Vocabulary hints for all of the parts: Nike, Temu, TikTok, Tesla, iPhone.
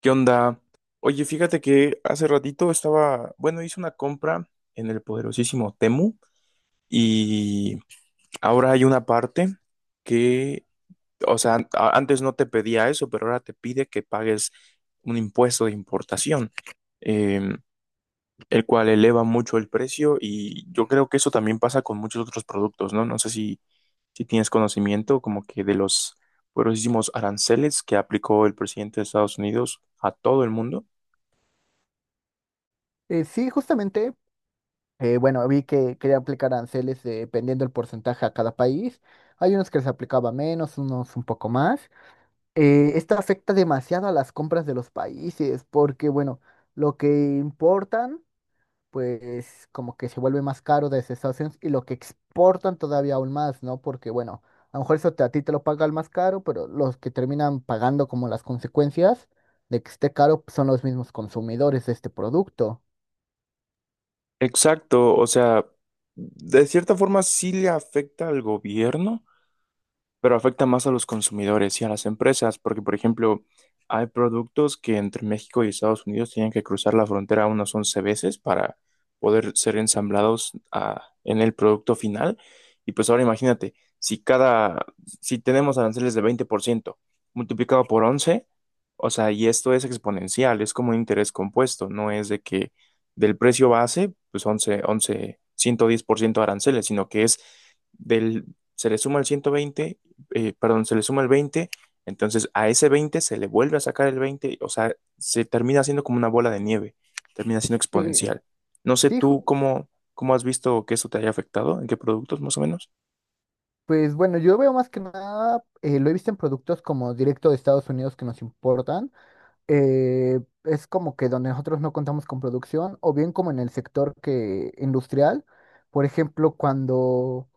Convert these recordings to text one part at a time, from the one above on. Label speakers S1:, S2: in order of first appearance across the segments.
S1: ¿Qué onda? Oye, fíjate que hace ratito estaba, bueno, hice una compra en el poderosísimo Temu y ahora hay una parte que, o sea, antes no te pedía eso, pero ahora te pide que pagues un impuesto de importación, eh, el cual eleva mucho el precio y yo creo que eso también pasa con muchos otros productos, ¿no? No sé si tienes conocimiento como que de los poderosísimos aranceles que aplicó el presidente de Estados Unidos a todo el mundo.
S2: Sí, justamente, bueno, vi que quería aplicar aranceles dependiendo del porcentaje a cada país. Hay unos que les aplicaba menos, unos un poco más. Esto afecta demasiado a las compras de los países porque, bueno, lo que importan, pues como que se vuelve más caro desde Estados Unidos y lo que exportan todavía aún más, ¿no? Porque, bueno, a lo mejor eso te- a ti te lo paga el más caro, pero los que terminan pagando como las consecuencias de que esté caro pues, son los mismos consumidores de este producto.
S1: Exacto, o sea, de cierta forma sí le afecta al gobierno, pero afecta más a los consumidores y a las empresas, porque, por ejemplo, hay productos que entre México y Estados Unidos tienen que cruzar la frontera unas 11 veces para poder ser ensamblados, en el producto final. Y pues ahora imagínate, si tenemos aranceles de 20% multiplicado por 11, o sea, y esto es exponencial, es como un interés compuesto, no es de que del precio base, pues 11, 11, 110% aranceles, sino que es del, se le suma el 120, perdón, se le suma el 20, entonces a ese 20 se le vuelve a sacar el 20, o sea, se termina haciendo como una bola de nieve, termina siendo
S2: Eh,
S1: exponencial. No sé
S2: Sí,
S1: tú cómo has visto que eso te haya afectado, en qué productos más o menos.
S2: pues bueno, yo veo más que nada, lo he visto en productos como directo de Estados Unidos que nos importan. Es como que donde nosotros no contamos con producción, o bien como en el sector que industrial. Por ejemplo, cuando,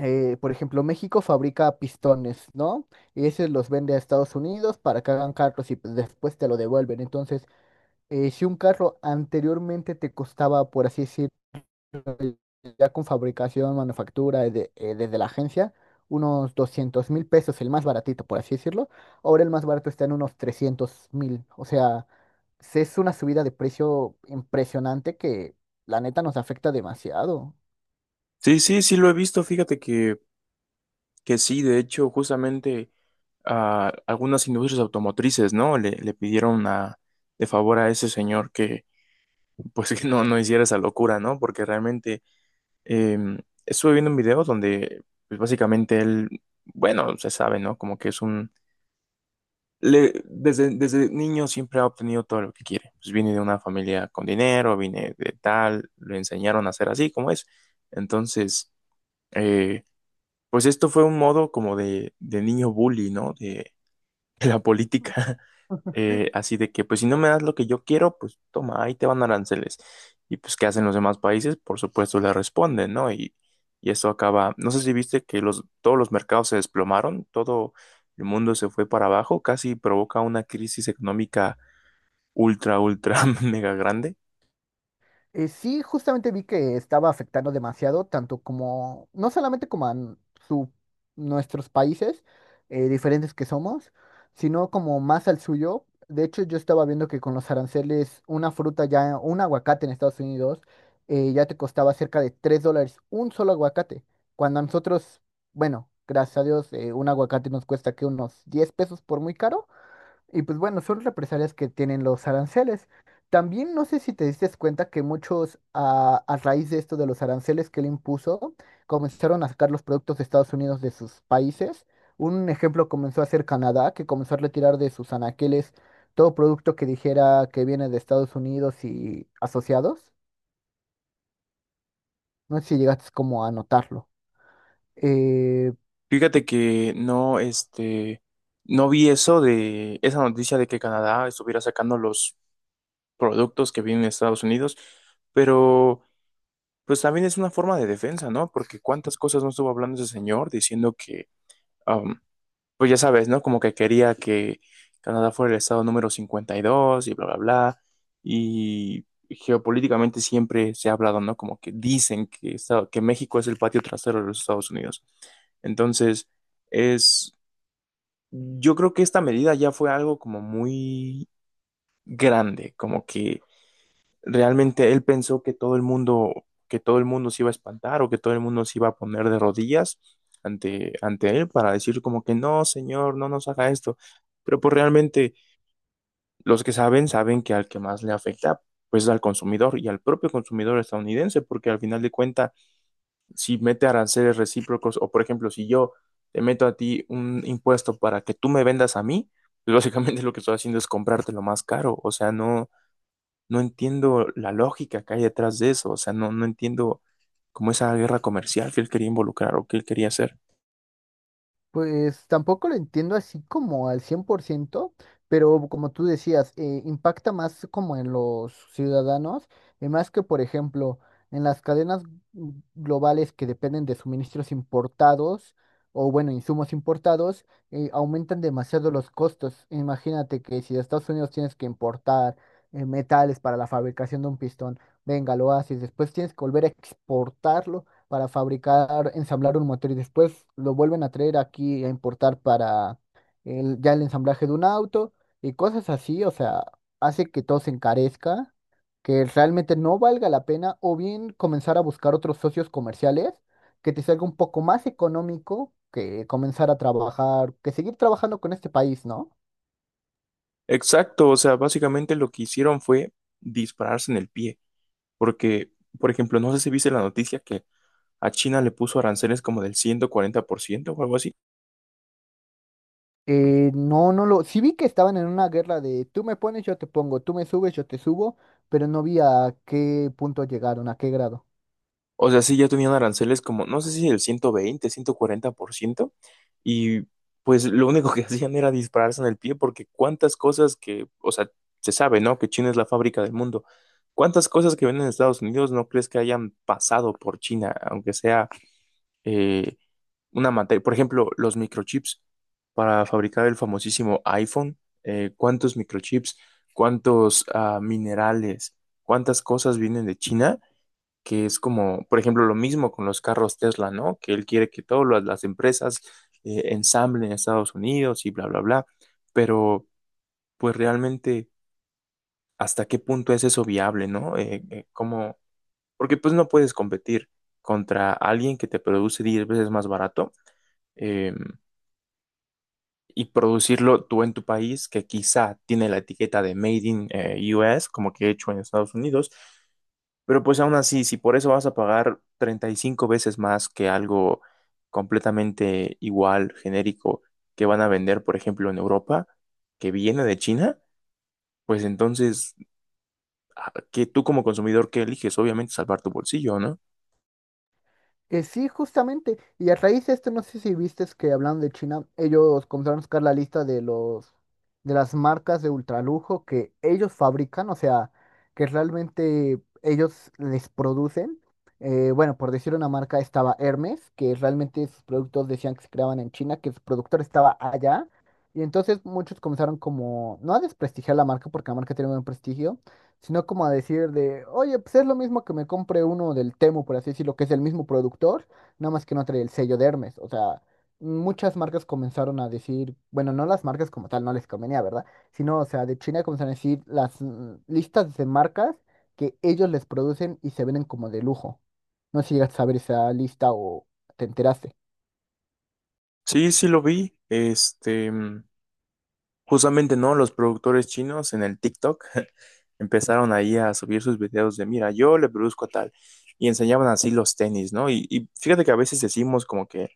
S2: por ejemplo, México fabrica pistones, ¿no? Y esos los vende a Estados Unidos para que hagan carros y pues, después te lo devuelven. Entonces, si un carro anteriormente te costaba, por así decirlo, ya con fabricación, manufactura, desde, desde la agencia, unos 200,000 pesos, el más baratito, por así decirlo. Ahora el más barato está en unos 300,000. O sea, es una subida de precio impresionante que la neta nos afecta demasiado.
S1: Sí, sí, sí lo he visto, fíjate que sí, de hecho, justamente a algunas industrias automotrices, ¿no? Le pidieron de favor a ese señor que, pues, que no hiciera esa locura, ¿no? Porque realmente Em, estuve viendo un video donde, pues básicamente él, bueno, se sabe, ¿no? Como que es un. Desde niño siempre ha obtenido todo lo que quiere. Pues viene de una familia con dinero, viene de tal, lo enseñaron a ser así como es. Entonces, eh, pues esto fue un modo como de niño bully, ¿no? La política. Así de que, pues si no me das lo que yo quiero, pues toma, ahí te van aranceles. Y pues, ¿qué hacen los demás países? Por supuesto, le responden, ¿no? Y eso acaba, no sé si viste que todos los mercados se desplomaron, todo el mundo se fue para abajo, casi provoca una crisis económica ultra, ultra, mega grande.
S2: Sí, justamente vi que estaba afectando demasiado, tanto como, no solamente como a su, nuestros países diferentes que somos, sino como más al suyo. De hecho, yo estaba viendo que con los aranceles, una fruta ya, un aguacate en Estados Unidos, ya te costaba cerca de $3 un solo aguacate. Cuando a nosotros, bueno, gracias a Dios, un aguacate nos cuesta que unos 10 pesos por muy caro. Y pues bueno, son represalias que tienen los aranceles. También no sé si te diste cuenta que muchos, a raíz de esto de los aranceles que él impuso, comenzaron a sacar los productos de Estados Unidos de sus países. Un ejemplo comenzó a ser Canadá, que comenzó a retirar de sus anaqueles todo producto que dijera que viene de Estados Unidos y asociados. No sé si llegaste como a notarlo. Eh,
S1: Fíjate que no, este, no vi eso de esa noticia de que Canadá estuviera sacando los productos que vienen de Estados Unidos, pero pues también es una forma de defensa, ¿no? Porque cuántas cosas no estuvo hablando ese señor diciendo que, am, pues ya sabes, ¿no? Como que quería que Canadá fuera el estado número 52 y dos y bla, bla, bla. Y geopolíticamente siempre se ha hablado, ¿no? Como que dicen que, que México es el patio trasero de los Estados Unidos. Entonces, es, yo creo que esta medida ya fue algo como muy grande, como que realmente él pensó que todo el mundo, que todo el mundo se iba a espantar o que todo el mundo se iba a poner de rodillas ante él para decir como que no, señor, no nos haga esto. Pero pues realmente los que saben, saben que al que más le afecta, pues es al consumidor y al propio consumidor estadounidense, porque al final de cuentas, si mete aranceles recíprocos o por ejemplo, si yo te meto a ti un impuesto para que tú me vendas a mí, pues básicamente lo que estoy haciendo es comprarte lo más caro. O sea, no entiendo la lógica que hay detrás de eso, o sea, no entiendo como esa guerra comercial que él quería involucrar o que él quería hacer.
S2: Pues tampoco lo entiendo así como al 100%, pero como tú decías, impacta más como en los ciudadanos, y más que, por ejemplo, en las cadenas globales que dependen de suministros importados o, bueno, insumos importados, aumentan demasiado los costos. Imagínate que si de Estados Unidos tienes que importar metales para la fabricación de un pistón, venga, lo haces, después tienes que volver a exportarlo para fabricar, ensamblar un motor y después lo vuelven a traer aquí a importar para el, ya el ensamblaje de un auto y cosas así, o sea, hace que todo se encarezca, que realmente no valga la pena o bien comenzar a buscar otros socios comerciales que te salga un poco más económico que comenzar a trabajar, que seguir trabajando con este país, ¿no?
S1: Exacto, o sea, básicamente lo que hicieron fue dispararse en el pie, porque, por ejemplo, no sé si viste la noticia que a China le puso aranceles como del 140% o algo así.
S2: No, no lo. Sí vi que estaban en una guerra de tú me pones, yo te pongo, tú me subes, yo te subo, pero no vi a qué punto llegaron, a qué grado.
S1: O sea, sí, ya tenían aranceles como, no sé si el 120, 140%, y pues lo único que hacían era dispararse en el pie, porque cuántas cosas que, o sea, se sabe, ¿no? Que China es la fábrica del mundo. ¿Cuántas cosas que ven en Estados Unidos no crees que hayan pasado por China, aunque sea eh, una materia? Por ejemplo, los microchips para fabricar el famosísimo iPhone. ¿Cuántos microchips, cuántos minerales, cuántas cosas vienen de China? Que es como, por ejemplo, lo mismo con los carros Tesla, ¿no? Que él quiere que todas las empresas ensamblen en Estados Unidos y bla, bla, bla. Pero, pues realmente, ¿hasta qué punto es eso viable, ¿no? ¿Cómo? Porque pues no puedes competir contra alguien que te produce 10 veces más barato, eh, y producirlo tú en tu país, que quizá tiene la etiqueta de Made in US, como que hecho en Estados Unidos. Pero pues aún así, si por eso vas a pagar 35 veces más que algo completamente igual, genérico, que van a vender, por ejemplo, en Europa, que viene de China, pues entonces, ¿a ¿qué tú como consumidor qué eliges? Obviamente salvar tu bolsillo, ¿no?
S2: Que sí, justamente. Y a raíz de esto, no sé si viste que hablando de China, ellos comenzaron a sacar la lista de los de las marcas de ultralujo que ellos fabrican, o sea, que realmente ellos les producen. Bueno, por decir una marca estaba Hermes, que realmente sus productos decían que se creaban en China, que su productor estaba allá. Y entonces muchos comenzaron como, no a desprestigiar la marca, porque la marca tiene buen prestigio, sino como a decir de, oye, pues es lo mismo que me compre uno del Temu, por así decirlo, que es el mismo productor, nada más que no trae el sello de Hermes. O sea, muchas marcas comenzaron a decir, bueno, no las marcas como tal, no les convenía, ¿verdad? Sino, o sea, de China comenzaron a decir las listas de marcas que ellos les producen y se venden como de lujo. No sé si llegas a saber esa lista o te enteraste.
S1: Sí, sí lo vi. Este, justamente, ¿no? Los productores chinos en el TikTok empezaron ahí a subir sus videos de, mira, yo le produzco tal, y enseñaban así los tenis, ¿no? Y fíjate que a veces decimos como que,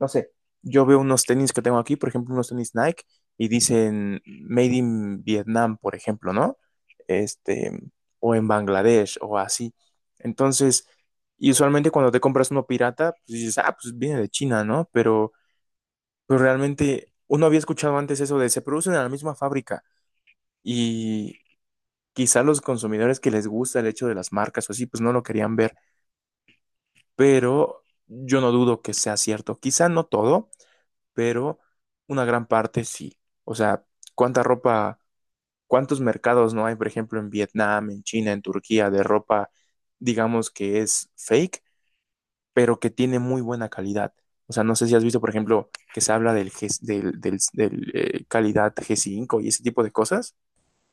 S1: no sé, yo veo unos tenis que tengo aquí, por ejemplo, unos tenis Nike, y dicen Made in Vietnam, por ejemplo, ¿no? Este, o en Bangladesh, o así. Entonces, y usualmente cuando te compras uno pirata, pues dices, ah, pues viene de China, ¿no? Pero realmente uno había escuchado antes eso de se producen en la misma fábrica. Y, quizá los consumidores que les gusta el hecho de las marcas o así, pues no lo querían ver, pero yo no dudo que sea cierto. Quizá no todo, pero una gran parte sí. O sea, ¿cuánta ropa, cuántos mercados no hay, por ejemplo, en Vietnam, en China, en Turquía, de ropa, digamos que es fake, pero que tiene muy buena calidad? O sea, no sé si has visto, por ejemplo, que se habla del calidad G5 y ese tipo de cosas.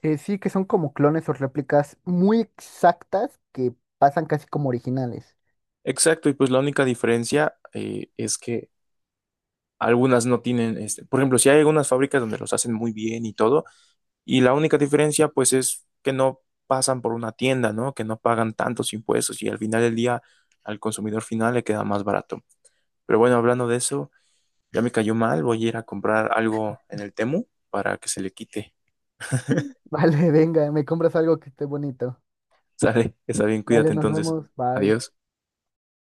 S2: Sí, que son como clones o réplicas muy exactas que pasan casi como originales.
S1: Exacto, y pues la única diferencia es que algunas no tienen, este, por ejemplo, si hay algunas fábricas donde los hacen muy bien y todo, y la única diferencia pues es que no pasan por una tienda, ¿no? Que no pagan tantos impuestos y al final del día al consumidor final le queda más barato. Pero bueno, hablando de eso, ya me cayó mal, voy a ir a comprar algo en el Temu para que se le quite.
S2: Vale, venga, me compras algo que esté bonito.
S1: Sale, está bien,
S2: Dale,
S1: cuídate
S2: nos
S1: entonces.
S2: vemos. Bye.
S1: Adiós.